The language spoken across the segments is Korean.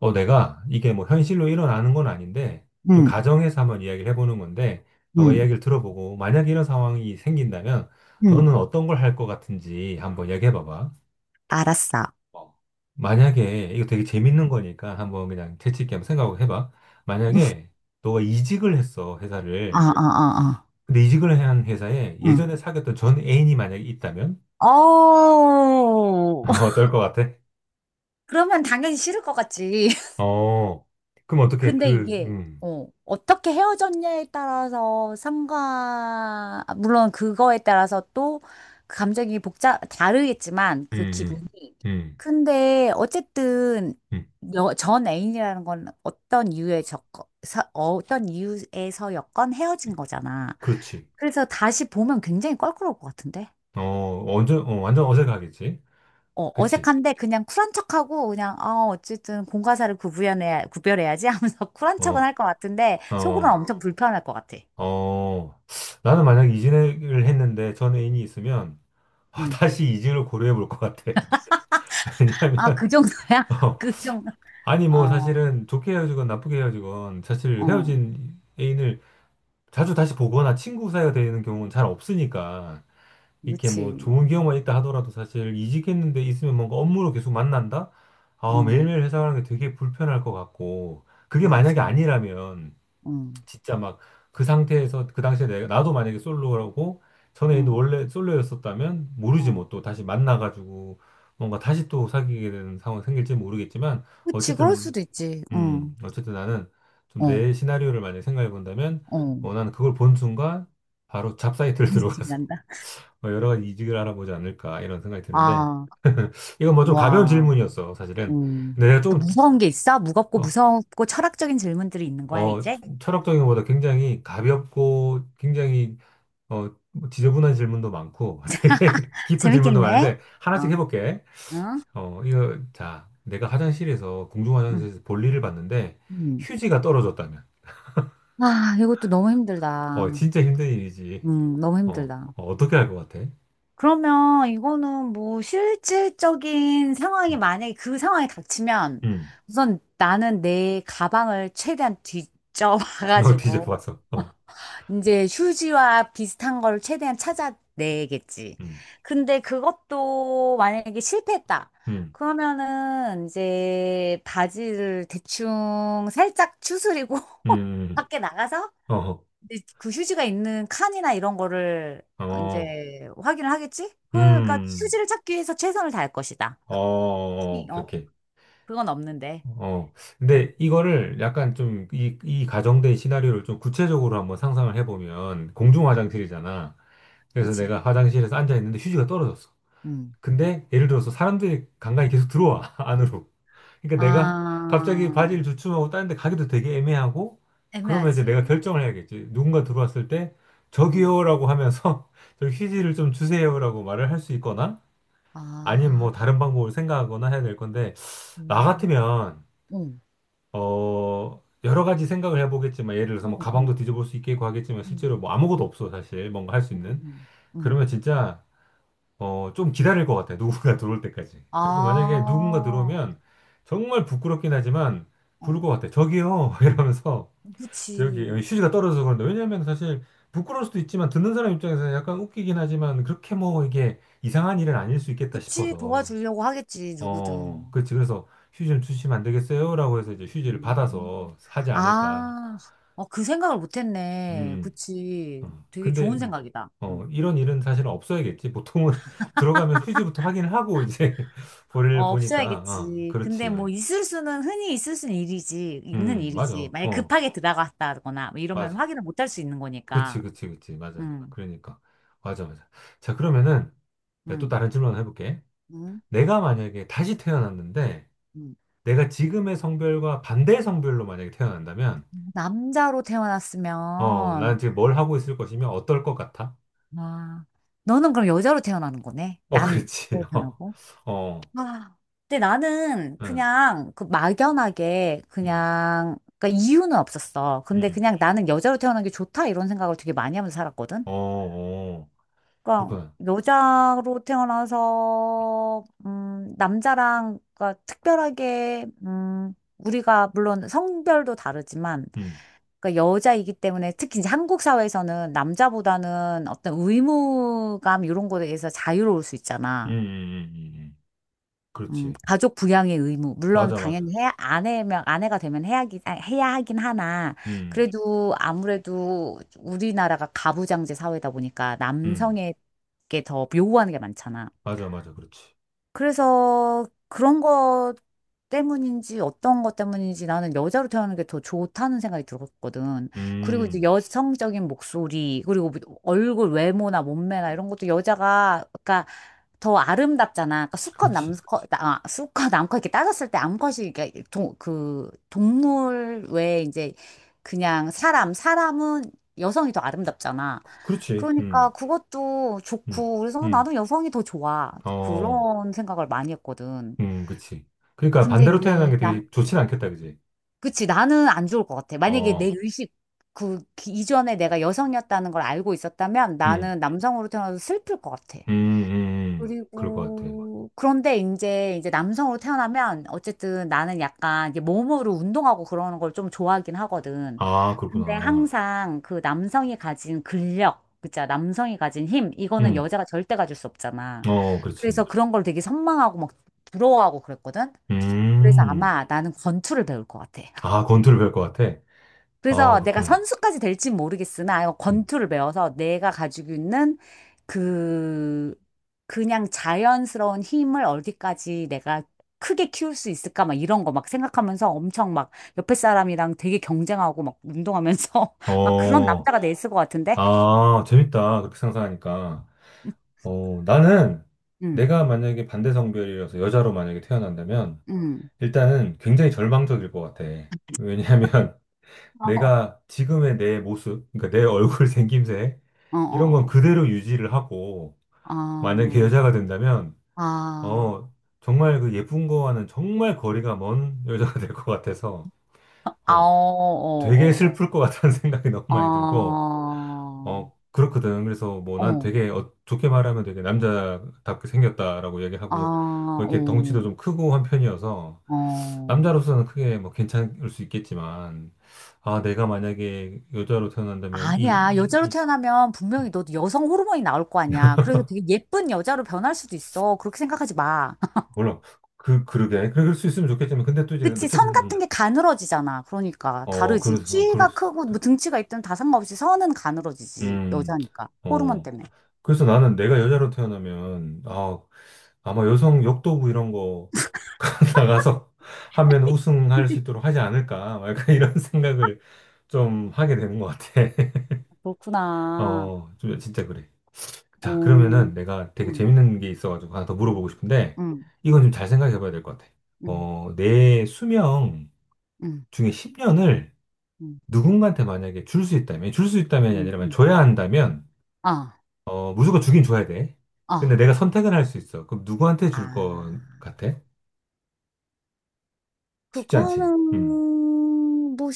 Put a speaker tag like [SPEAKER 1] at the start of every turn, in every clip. [SPEAKER 1] 내가 이게 뭐 현실로 일어나는 건 아닌데, 좀
[SPEAKER 2] 응,
[SPEAKER 1] 가정에서 한번 이야기를 해보는 건데, 너가
[SPEAKER 2] 응,
[SPEAKER 1] 이야기를 들어보고, 만약 이런 상황이 생긴다면,
[SPEAKER 2] 응.
[SPEAKER 1] 너는 어떤 걸 할 것 같은지 한번 이야기해봐봐.
[SPEAKER 2] 알았어.
[SPEAKER 1] 어, 만약에, 이거 되게 재밌는 거니까 한번 그냥 재치있게 한번 생각을 해봐. 만약에, 너가 이직을 했어,
[SPEAKER 2] 어,
[SPEAKER 1] 회사를.
[SPEAKER 2] 어, 어, 어.
[SPEAKER 1] 근데 이직을 한 회사에
[SPEAKER 2] 응.
[SPEAKER 1] 예전에 사귀었던 전 애인이 만약에 있다면?
[SPEAKER 2] 어, 어우.
[SPEAKER 1] 어떨 것 같아?
[SPEAKER 2] 그러면 당연히 싫을 것 같지.
[SPEAKER 1] 어, 그럼 어떻게
[SPEAKER 2] 근데 이게, 어, 어떻게 헤어졌냐에 따라서 아, 물론 그거에 따라서 또 그 감정이 다르겠지만 그 기분이.
[SPEAKER 1] 음, 음, 음,
[SPEAKER 2] 근데 어쨌든
[SPEAKER 1] 음.
[SPEAKER 2] 전 애인이라는 건 어떤 이유에서였건
[SPEAKER 1] 음.
[SPEAKER 2] 헤어진 거잖아.
[SPEAKER 1] 그렇지.
[SPEAKER 2] 그래서 다시 보면 굉장히 껄끄러울 것 같은데?
[SPEAKER 1] 어, 완전 어색하겠지?
[SPEAKER 2] 어,
[SPEAKER 1] 그치?
[SPEAKER 2] 어색한데 그냥 쿨한 척하고 그냥 어, 어쨌든 공과사를 구분해야 구별해야지 하면서 쿨한 척은
[SPEAKER 1] 어,
[SPEAKER 2] 할 것 같은데 속으로는
[SPEAKER 1] 어,
[SPEAKER 2] 엄청 불편할 것 같아.
[SPEAKER 1] 어. 나는 만약에 이직을 했는데 전 애인이 있으면 아,
[SPEAKER 2] 응.
[SPEAKER 1] 다시 이직을 고려해 볼 것 같아.
[SPEAKER 2] 아,
[SPEAKER 1] 왜냐면,
[SPEAKER 2] 그 정도야?
[SPEAKER 1] 어,
[SPEAKER 2] 그 정도.
[SPEAKER 1] 아니, 뭐,
[SPEAKER 2] 어,
[SPEAKER 1] 사실은 좋게 헤어지건 나쁘게 헤어지건 사실
[SPEAKER 2] 어,
[SPEAKER 1] 헤어진 애인을 자주 다시 보거나 친구 사이가 되는 경우는 잘 없으니까. 이렇게 뭐
[SPEAKER 2] 그치.
[SPEAKER 1] 좋은 기억만 있다 하더라도 사실 이직했는데 있으면 뭔가 업무로 계속 만난다? 아,
[SPEAKER 2] 어,
[SPEAKER 1] 매일매일 회사 가는 게 되게 불편할 것 같고, 그게 만약에
[SPEAKER 2] 맞아.
[SPEAKER 1] 아니라면,
[SPEAKER 2] 응,
[SPEAKER 1] 진짜 막 그 상태에서 그 당시에 내가 나도 만약에 솔로라고 전에 있는
[SPEAKER 2] 응,
[SPEAKER 1] 원래 솔로였었다면 모르지
[SPEAKER 2] 응.
[SPEAKER 1] 뭐 또 다시 만나가지고 뭔가 다시 또 사귀게 되는 상황 생길지 모르겠지만
[SPEAKER 2] 그치, 그럴
[SPEAKER 1] 어쨌든
[SPEAKER 2] 수도 있지.
[SPEAKER 1] 음
[SPEAKER 2] 응,
[SPEAKER 1] 어쨌든 나는 좀
[SPEAKER 2] 어,
[SPEAKER 1] 내 시나리오를 만약에 생각해 본다면
[SPEAKER 2] 어.
[SPEAKER 1] 나는 그걸 본 순간 바로 잡사이트를
[SPEAKER 2] 이집
[SPEAKER 1] 들어가서
[SPEAKER 2] 난다.
[SPEAKER 1] 뭐 여러 가지 이직을 알아보지 않을까 이런 생각이 드는데
[SPEAKER 2] 아,
[SPEAKER 1] 이건 뭐 좀 가벼운
[SPEAKER 2] 와.
[SPEAKER 1] 질문이었어 사실은.
[SPEAKER 2] 음.
[SPEAKER 1] 근데 내가
[SPEAKER 2] 그
[SPEAKER 1] 좀
[SPEAKER 2] 무서운 게 있어? 무겁고
[SPEAKER 1] 어,
[SPEAKER 2] 무섭고 철학적인 질문들이 있는 거야,
[SPEAKER 1] 어,
[SPEAKER 2] 이제?
[SPEAKER 1] 철학적인 것보다 굉장히 가볍고 굉장히 뭐 지저분한 질문도 많고, 되게 깊은 질문도
[SPEAKER 2] 재밌겠네.
[SPEAKER 1] 많은데, 하나씩
[SPEAKER 2] 어.
[SPEAKER 1] 해볼게.
[SPEAKER 2] 응?
[SPEAKER 1] 이거, 자, 내가 화장실에서, 공중
[SPEAKER 2] 응,
[SPEAKER 1] 화장실에서 볼일을 봤는데,
[SPEAKER 2] 응.
[SPEAKER 1] 휴지가 떨어졌다면,
[SPEAKER 2] 아, 이것도 너무 힘들다.
[SPEAKER 1] 진짜 힘든 일이지.
[SPEAKER 2] 너무
[SPEAKER 1] 어,
[SPEAKER 2] 힘들다.
[SPEAKER 1] 어, 떻게 할 것 같아?
[SPEAKER 2] 그러면 이거는 뭐 실질적인 상황이
[SPEAKER 1] 음,
[SPEAKER 2] 만약에 그 상황이 닥치면
[SPEAKER 1] 음.
[SPEAKER 2] 우선 나는 내 가방을 최대한
[SPEAKER 1] 음.
[SPEAKER 2] 뒤져봐가지고
[SPEAKER 1] 뒤져봤어. 어,
[SPEAKER 2] 이제 휴지와 비슷한 걸 최대한 찾아내겠지.
[SPEAKER 1] 음,
[SPEAKER 2] 근데 그것도 만약에 실패했다.
[SPEAKER 1] 음,
[SPEAKER 2] 그러면은 이제 바지를 대충 살짝 추스리고
[SPEAKER 1] 음, 음.
[SPEAKER 2] 밖에 나가서
[SPEAKER 1] 어,
[SPEAKER 2] 근데 그 휴지가 있는 칸이나 이런 거를
[SPEAKER 1] 어,
[SPEAKER 2] 이제 확인을 하겠지? 그러니까
[SPEAKER 1] 음,
[SPEAKER 2] 휴지를 찾기 위해서 최선을 다할 것이다.
[SPEAKER 1] 어, 어, 어,
[SPEAKER 2] 키,
[SPEAKER 1] 오케이,
[SPEAKER 2] 어,
[SPEAKER 1] 오케이.
[SPEAKER 2] 그건 없는데.
[SPEAKER 1] 어,
[SPEAKER 2] 음,
[SPEAKER 1] 근데 이거를 약간 좀, 이, 이 가정된 시나리오를 좀 구체적으로 한번 상상을 해보면, 공중
[SPEAKER 2] 음,
[SPEAKER 1] 화장실이잖아. 그래서
[SPEAKER 2] 그치.
[SPEAKER 1] 내가 화장실에서 앉아 있는데 휴지가 떨어졌어.
[SPEAKER 2] 음.
[SPEAKER 1] 근데 예를 들어서 사람들이 간간히 계속 들어와, 안으로. 그러니까 내가 갑자기
[SPEAKER 2] 아,
[SPEAKER 1] 바지를 주춤하고 다른 데 가기도 되게 애매하고, 그러면 이제 내가
[SPEAKER 2] 애매하지.
[SPEAKER 1] 결정을 해야겠지. 누군가 들어왔을 때,
[SPEAKER 2] 음.
[SPEAKER 1] 저기요라고 하면서, 저 휴지를 좀 주세요라고 말을 할 수 있거나, 아니면
[SPEAKER 2] 아,
[SPEAKER 1] 뭐 다른 방법을 생각하거나 해야 될 건데, 나
[SPEAKER 2] 음,
[SPEAKER 1] 같으면,
[SPEAKER 2] 응,
[SPEAKER 1] 여러 가지 생각을 해보겠지만, 예를 들어서 뭐
[SPEAKER 2] 응, 응,
[SPEAKER 1] 가방도 뒤져볼 수 있겠고 하겠지만,
[SPEAKER 2] 응,
[SPEAKER 1] 실제로 뭐 아무것도 없어, 사실. 뭔가 할 수
[SPEAKER 2] 응,
[SPEAKER 1] 있는.
[SPEAKER 2] 응. 응.
[SPEAKER 1] 그러면 진짜, 좀 기다릴 것 같아요. 누군가 들어올 때까지.
[SPEAKER 2] 아,
[SPEAKER 1] 그래서 만약에 누군가
[SPEAKER 2] 어,
[SPEAKER 1] 들어오면 정말 부끄럽긴 하지만 부를 것 같아요. 저기요! 이러면서 저기
[SPEAKER 2] 그치.
[SPEAKER 1] 휴지가 떨어져서 그런데 왜냐하면 사실 부끄러울 수도 있지만 듣는 사람 입장에서 약간 웃기긴 하지만 그렇게 뭐 이게 이상한 일은 아닐 수 있겠다
[SPEAKER 2] 그치,
[SPEAKER 1] 싶어서
[SPEAKER 2] 도와주려고 하겠지, 누구든.
[SPEAKER 1] 그렇지. 그래서 휴지 좀 주시면 안 되겠어요? 라고 해서 이제 휴지를
[SPEAKER 2] 음.
[SPEAKER 1] 받아서 하지 않을까.
[SPEAKER 2] 아, 어, 그 생각을 못했네.
[SPEAKER 1] 음.
[SPEAKER 2] 그치.
[SPEAKER 1] 어,
[SPEAKER 2] 되게
[SPEAKER 1] 근데
[SPEAKER 2] 좋은
[SPEAKER 1] 음,
[SPEAKER 2] 생각이다. 응.
[SPEAKER 1] 어, 이런 일은 사실 없어야겠지. 보통은 들어가면 휴지부터 확인을 하고 이제
[SPEAKER 2] 어,
[SPEAKER 1] 볼일 보니까
[SPEAKER 2] 없어야겠지. 근데
[SPEAKER 1] 그렇지.
[SPEAKER 2] 뭐 있을 수는 흔히 있을 수는 일이지. 있는 일이지.
[SPEAKER 1] 맞아.
[SPEAKER 2] 만약 급하게 들어갔다거나 뭐 이러면
[SPEAKER 1] 맞아.
[SPEAKER 2] 확인을 못할 수 있는
[SPEAKER 1] 그치,
[SPEAKER 2] 거니까.
[SPEAKER 1] 그치, 그치. 맞아.
[SPEAKER 2] 응,
[SPEAKER 1] 그러니까. 맞아, 맞아. 자, 그러면은 내가 또
[SPEAKER 2] 응,
[SPEAKER 1] 다른 질문 하나 해볼게.
[SPEAKER 2] 응,
[SPEAKER 1] 내가 만약에 다시 태어났는데
[SPEAKER 2] 응.
[SPEAKER 1] 내가 지금의 성별과 반대 성별로 만약에 태어난다면
[SPEAKER 2] 남자로
[SPEAKER 1] 난
[SPEAKER 2] 태어났으면,
[SPEAKER 1] 지금 뭘 하고 있을 것이며 어떨 것 같아?
[SPEAKER 2] 와, 너는 그럼 여자로 태어나는 거네?
[SPEAKER 1] 어,
[SPEAKER 2] 난
[SPEAKER 1] 그렇지.
[SPEAKER 2] 여자로
[SPEAKER 1] 어,
[SPEAKER 2] 태어나고.
[SPEAKER 1] 어,
[SPEAKER 2] 아, 근데 나는
[SPEAKER 1] 응,
[SPEAKER 2] 그냥 그 막연하게
[SPEAKER 1] 응,
[SPEAKER 2] 그냥 그러니까 이유는 없었어. 근데
[SPEAKER 1] 응.
[SPEAKER 2] 그냥 나는 여자로 태어난 게 좋다 이런 생각을 되게 많이 하면서 살았거든.
[SPEAKER 1] 어, 어.
[SPEAKER 2] 그러니까
[SPEAKER 1] 그렇구나.
[SPEAKER 2] 여자로 태어나서 남자랑 그러니까 특별하게 우리가 물론 성별도 다르지만
[SPEAKER 1] 음,
[SPEAKER 2] 그러니까 여자이기 때문에 특히 이제 한국 사회에서는 남자보다는 어떤 의무감 이런 거에 대해서 자유로울 수 있잖아.
[SPEAKER 1] 음. 그렇지.
[SPEAKER 2] 가족 부양의 의무. 물론
[SPEAKER 1] 맞아, 맞아.
[SPEAKER 2] 당연히 해야 아내면 아내가 되면 해야 하긴 하나.
[SPEAKER 1] 음,
[SPEAKER 2] 그래도 아무래도 우리나라가 가부장제 사회다 보니까
[SPEAKER 1] 음, 음,
[SPEAKER 2] 남성에게 더 요구하는 게 많잖아.
[SPEAKER 1] 맞아, 맞아. 그렇지.
[SPEAKER 2] 그래서 그런 것 때문인지 어떤 것 때문인지 나는 여자로 태어나는 게 더 좋다는 생각이 들었거든. 그리고 이제
[SPEAKER 1] 음,
[SPEAKER 2] 여성적인 목소리, 그리고 뭐 얼굴 외모나 몸매나 이런 것도 여자가, 그러니까 더 아름답잖아. 그러니까 수컷
[SPEAKER 1] 그렇지.
[SPEAKER 2] 남컷 아, 수컷 남컷 이렇게 따졌을 때 암컷이 이렇게 동, 그 동물 외에 이제 그냥 사람은 여성이 더 아름답잖아.
[SPEAKER 1] 그렇지.
[SPEAKER 2] 그러니까 그것도
[SPEAKER 1] 음,
[SPEAKER 2] 좋고, 그래서
[SPEAKER 1] 음.
[SPEAKER 2] 나도 여성이 더 좋아.
[SPEAKER 1] 어,
[SPEAKER 2] 그런 생각을 많이 했거든.
[SPEAKER 1] 그치. 그러니까
[SPEAKER 2] 근데
[SPEAKER 1] 반대로 태어난
[SPEAKER 2] 이제,
[SPEAKER 1] 게
[SPEAKER 2] 나,
[SPEAKER 1] 되게 좋진 않겠다, 그지?
[SPEAKER 2] 그치, 나는 안 좋을 것 같아. 만약에 내
[SPEAKER 1] 어,
[SPEAKER 2] 의식, 그, 이전에 내가 여성이었다는 걸 알고 있었다면
[SPEAKER 1] 음,
[SPEAKER 2] 나는 남성으로 태어나서 슬플 것 같아.
[SPEAKER 1] 그럴 것 같아.
[SPEAKER 2] 그리고 그런데 이제 남성으로 태어나면 어쨌든 나는 약간 이제 몸으로 운동하고 그러는 걸 좀 좋아하긴 하거든.
[SPEAKER 1] 아,
[SPEAKER 2] 근데
[SPEAKER 1] 그렇구나.
[SPEAKER 2] 항상 그 남성이 가진 근력, 그자 남성이 가진 힘 이거는
[SPEAKER 1] 음,
[SPEAKER 2] 여자가 절대 가질 수 없잖아. 그래서
[SPEAKER 1] 그렇지.
[SPEAKER 2] 그런 걸 되게 선망하고 막 부러워하고 그랬거든. 그래서
[SPEAKER 1] 음,
[SPEAKER 2] 아마 나는 권투를 배울 것 같아.
[SPEAKER 1] 아, 권투를 배울 것 같아. 아,
[SPEAKER 2] 그래서 내가
[SPEAKER 1] 그렇구나.
[SPEAKER 2] 선수까지 될진 모르겠으나 이
[SPEAKER 1] 음.
[SPEAKER 2] 권투를 배워서 내가 가지고 있는 그 그냥 자연스러운 힘을 어디까지 내가 크게 키울 수 있을까 막 이런 거 막 생각하면서 엄청 막 옆에 사람이랑 되게 경쟁하고 막 운동하면서 막 그런
[SPEAKER 1] 어,
[SPEAKER 2] 남자가 됐을 것 같은데.
[SPEAKER 1] 아, 재밌다. 그렇게 상상하니까. 나는
[SPEAKER 2] 음.
[SPEAKER 1] 내가 만약에 반대 성별이어서 여자로 만약에 태어난다면
[SPEAKER 2] 음.
[SPEAKER 1] 일단은 굉장히 절망적일 것 같아. 왜냐하면
[SPEAKER 2] 어.
[SPEAKER 1] 내가 지금의 내 모습, 그러니까 내 얼굴 생김새
[SPEAKER 2] 어,
[SPEAKER 1] 이런 건
[SPEAKER 2] 어, 어.
[SPEAKER 1] 그대로 유지를 하고 만약에
[SPEAKER 2] 아.
[SPEAKER 1] 여자가 된다면
[SPEAKER 2] 아.
[SPEAKER 1] 어, 정말 그 예쁜 거와는 정말 거리가 먼 여자가 될 것 같아서
[SPEAKER 2] 아, 어,
[SPEAKER 1] 어, 되게
[SPEAKER 2] 어, 어.
[SPEAKER 1] 슬플 것 같다는 생각이 너무
[SPEAKER 2] 어.
[SPEAKER 1] 많이
[SPEAKER 2] 아.
[SPEAKER 1] 들고 그렇거든. 그래서 뭐 난
[SPEAKER 2] 어.
[SPEAKER 1] 되게 좋게 말하면 되게 남자답게 생겼다라고
[SPEAKER 2] 아,
[SPEAKER 1] 얘기하고 뭐 이렇게 덩치도
[SPEAKER 2] 어.
[SPEAKER 1] 좀 크고 한 편이어서
[SPEAKER 2] 어,
[SPEAKER 1] 남자로서는 크게 뭐 괜찮을 수 있겠지만 아, 내가 만약에 여자로 태어난다면
[SPEAKER 2] 아니야. 여자로
[SPEAKER 1] 이,
[SPEAKER 2] 태어나면
[SPEAKER 1] 이-
[SPEAKER 2] 분명히 너도 여성 호르몬이 나올 거 아니야. 그래서 되게 예쁜 여자로 변할 수도 있어. 그렇게 생각하지 마.
[SPEAKER 1] 몰라. 그러게. 그럴 수 있으면 좋겠지만 근데 또 이제
[SPEAKER 2] 그치?
[SPEAKER 1] 어쨌든
[SPEAKER 2] 선 같은 게 가늘어지잖아. 그러니까 다르지.
[SPEAKER 1] 그럴
[SPEAKER 2] 키가
[SPEAKER 1] 수
[SPEAKER 2] 크고 뭐
[SPEAKER 1] 있다.
[SPEAKER 2] 등치가 있든 다 상관없이 선은 가늘어지지.
[SPEAKER 1] 음,
[SPEAKER 2] 여자니까. 호르몬
[SPEAKER 1] 어.
[SPEAKER 2] 때문에.
[SPEAKER 1] 그래서 나는 내가 여자로 태어나면 아, 아마 여성 역도부 이런 거 나가서 하면 우승할 수 있도록 하지 않을까? 막 약간 이런 생각을 좀 하게 되는 것 같아.
[SPEAKER 2] 그렇구나.
[SPEAKER 1] 좀 진짜 그래. 자,
[SPEAKER 2] 어,
[SPEAKER 1] 그러면은 내가 되게
[SPEAKER 2] 음,
[SPEAKER 1] 재밌는 게 있어가지고 하나 더 물어보고 싶은데,
[SPEAKER 2] 음,
[SPEAKER 1] 이건 좀 잘 생각해 봐야 될 것 같아.
[SPEAKER 2] 음,
[SPEAKER 1] 내 수명
[SPEAKER 2] 음,
[SPEAKER 1] 중에 10년을
[SPEAKER 2] 음,
[SPEAKER 1] 누군가한테 만약에 줄 수 있다면, 줄 수 있다면이
[SPEAKER 2] 음,
[SPEAKER 1] 아니라 만약
[SPEAKER 2] 음.
[SPEAKER 1] 줘야 한다면,
[SPEAKER 2] 아,
[SPEAKER 1] 무조건 주긴 줘야 돼. 근데
[SPEAKER 2] 아,
[SPEAKER 1] 내가 선택을 할 수 있어. 그럼 누구한테 줄 것
[SPEAKER 2] 아.
[SPEAKER 1] 같아? 쉽지 않지.
[SPEAKER 2] 그거는 뭐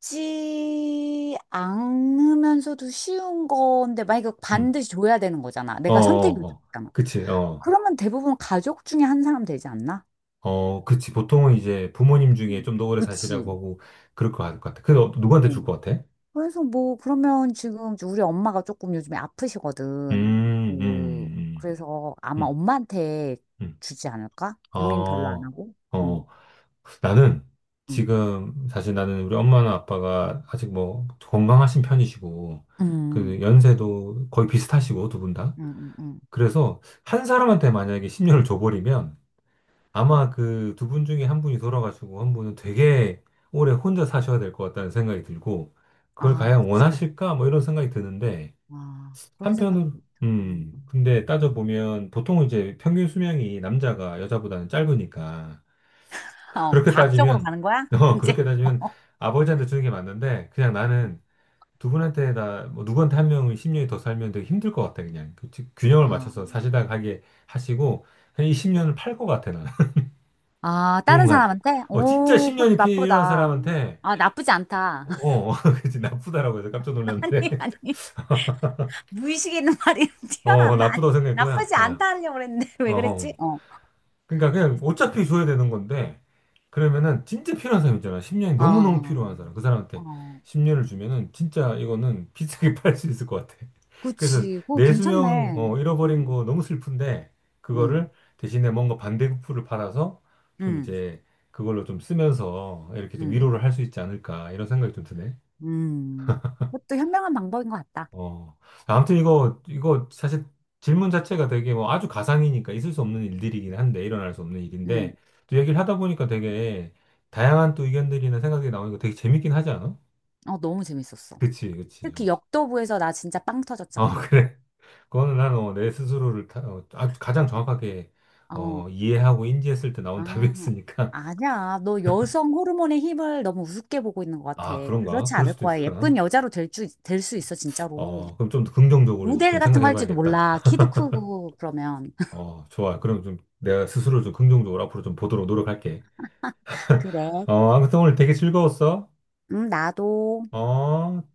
[SPEAKER 2] 쉽지 않으면서도 쉬운 건데 만약에
[SPEAKER 1] 음.
[SPEAKER 2] 반드시 줘야 되는 거잖아.
[SPEAKER 1] 어,
[SPEAKER 2] 내가 선택이
[SPEAKER 1] 어, 어.
[SPEAKER 2] 있잖아.
[SPEAKER 1] 그치, 어.
[SPEAKER 2] 그러면 대부분 가족 중에 한 사람 되지 않나?
[SPEAKER 1] 그치. 보통은 이제 부모님 중에
[SPEAKER 2] 음.
[SPEAKER 1] 좀 더 오래
[SPEAKER 2] 그치.
[SPEAKER 1] 사시라고 하고, 그럴 것 같아. 그래서 누구한테 줄
[SPEAKER 2] 응.
[SPEAKER 1] 것 같아?
[SPEAKER 2] 그래서 뭐 그러면 지금 우리 엄마가 조금 요즘에 아프시거든.
[SPEAKER 1] 음, 음,
[SPEAKER 2] 그
[SPEAKER 1] 음,
[SPEAKER 2] 그래서 아마
[SPEAKER 1] 음,
[SPEAKER 2] 엄마한테 주지 않을까? 고민 별로 안
[SPEAKER 1] 어,
[SPEAKER 2] 하고. 응,
[SPEAKER 1] 어. 나는
[SPEAKER 2] 응,
[SPEAKER 1] 지금 사실 나는 우리 엄마나 아빠가 아직 뭐 건강하신 편이시고, 그
[SPEAKER 2] 응,
[SPEAKER 1] 연세도 거의 비슷하시고, 두 분 다.
[SPEAKER 2] 응, 응, 응.
[SPEAKER 1] 그래서 한 사람한테 만약에 10년을 줘버리면,
[SPEAKER 2] 응.
[SPEAKER 1] 아마 그 두 분 중에 한 분이 돌아가시고 한 분은 되게 오래 혼자 사셔야 될 것 같다는 생각이 들고 그걸
[SPEAKER 2] 아,
[SPEAKER 1] 과연
[SPEAKER 2] 그치.
[SPEAKER 1] 원하실까? 뭐 이런 생각이 드는데
[SPEAKER 2] 아, 그런
[SPEAKER 1] 한편으로
[SPEAKER 2] 생각도 있다. 음.
[SPEAKER 1] 근데 따져보면 보통 이제 평균 수명이 남자가 여자보다는 짧으니까
[SPEAKER 2] 어,
[SPEAKER 1] 그렇게
[SPEAKER 2] 과학적으로
[SPEAKER 1] 따지면
[SPEAKER 2] 가는 거야? 이제.
[SPEAKER 1] 그렇게 따지면 아버지한테 주는 게 맞는데 그냥 나는 두 분한테 다뭐 누구한테 한 명은 10년이 더 살면 되게 힘들 것 같아. 그냥 균형을
[SPEAKER 2] 아,
[SPEAKER 1] 맞춰서 사시다가 하게 하시고 한1 0년을 팔 것 같아 나.
[SPEAKER 2] 아,
[SPEAKER 1] 그런
[SPEAKER 2] 다른
[SPEAKER 1] 것 같아.
[SPEAKER 2] 사람한테?
[SPEAKER 1] 진짜
[SPEAKER 2] 오, 그것도
[SPEAKER 1] 10년이 필요한
[SPEAKER 2] 나쁘다.
[SPEAKER 1] 사람한테,
[SPEAKER 2] 아, 나쁘지 않다.
[SPEAKER 1] 어, 어, 그치, 나쁘다라고 해서 깜짝 놀랐는데,
[SPEAKER 2] 아니, 아니. 무의식에 있는 말이
[SPEAKER 1] 어,
[SPEAKER 2] 튀어나왔나? 아니,
[SPEAKER 1] 나쁘다고 생각했구나.
[SPEAKER 2] 나쁘지
[SPEAKER 1] 어,
[SPEAKER 2] 않다 하려고 그랬는데,
[SPEAKER 1] 어,
[SPEAKER 2] 왜 그랬지?
[SPEAKER 1] 어.
[SPEAKER 2] 어.
[SPEAKER 1] 그러니까 그냥 어차피 줘야 되는 건데, 그러면은 진짜 필요한 사람 있잖아. 10년이 너무너무
[SPEAKER 2] 아,
[SPEAKER 1] 필요한 사람. 그 사람한테
[SPEAKER 2] 어.
[SPEAKER 1] 10년을 주면은 진짜 이거는 비싸게 팔 수 있을 것 같아. 그래서
[SPEAKER 2] 그치. 오, 괜찮네.
[SPEAKER 1] 내수명, 잃어버린
[SPEAKER 2] 음,
[SPEAKER 1] 거 너무 슬픈데,
[SPEAKER 2] 음,
[SPEAKER 1] 그거를 대신에 뭔가 반대급부를 받아서 좀
[SPEAKER 2] 음,
[SPEAKER 1] 이제 그걸로 좀 쓰면서 이렇게 좀
[SPEAKER 2] 음,
[SPEAKER 1] 위로를
[SPEAKER 2] 음.
[SPEAKER 1] 할 수 있지 않을까, 이런 생각이 좀 드네.
[SPEAKER 2] 음. 그것도 현명한 방법인 것 같다.
[SPEAKER 1] 어, 아무튼 이거 사실 질문 자체가 되게 뭐 아주 가상이니까 있을 수 없는 일들이긴 한데, 일어날 수 없는
[SPEAKER 2] 음.
[SPEAKER 1] 일인데, 또 얘기를 하다 보니까 되게 다양한 또 의견들이나 생각이 나오니까 되게 재밌긴 하지 않아?
[SPEAKER 2] 어, 너무 재밌었어.
[SPEAKER 1] 그치, 그치.
[SPEAKER 2] 특히
[SPEAKER 1] 어,
[SPEAKER 2] 역도부에서 나 진짜 빵
[SPEAKER 1] 어,
[SPEAKER 2] 터졌잖아.
[SPEAKER 1] 그래. 그거는 나는 내 스스로를 아주 가장 정확하게
[SPEAKER 2] 어,
[SPEAKER 1] 이해하고 인지했을 때
[SPEAKER 2] 아,
[SPEAKER 1] 나온 답이었으니까.
[SPEAKER 2] 아니야. 너 여성 호르몬의 힘을 너무 우습게 보고 있는 것 같아.
[SPEAKER 1] 아, 그런가?
[SPEAKER 2] 그렇지
[SPEAKER 1] 그럴
[SPEAKER 2] 않을
[SPEAKER 1] 수도
[SPEAKER 2] 거야. 예쁜
[SPEAKER 1] 있을까나?
[SPEAKER 2] 여자로 될 줄, 될 수 있어, 진짜로.
[SPEAKER 1] 그럼 좀 더 긍정적으로 이제
[SPEAKER 2] 모델
[SPEAKER 1] 좀
[SPEAKER 2] 같은 거
[SPEAKER 1] 생각해
[SPEAKER 2] 할지도
[SPEAKER 1] 봐야겠다.
[SPEAKER 2] 몰라. 키도 크고, 그러면.
[SPEAKER 1] 좋아. 그럼 좀 내가 스스로 좀 긍정적으로 앞으로 좀 보도록 노력할게.
[SPEAKER 2] 그래.
[SPEAKER 1] 아무튼 오늘 되게 즐거웠어.
[SPEAKER 2] 나도.
[SPEAKER 1] 어,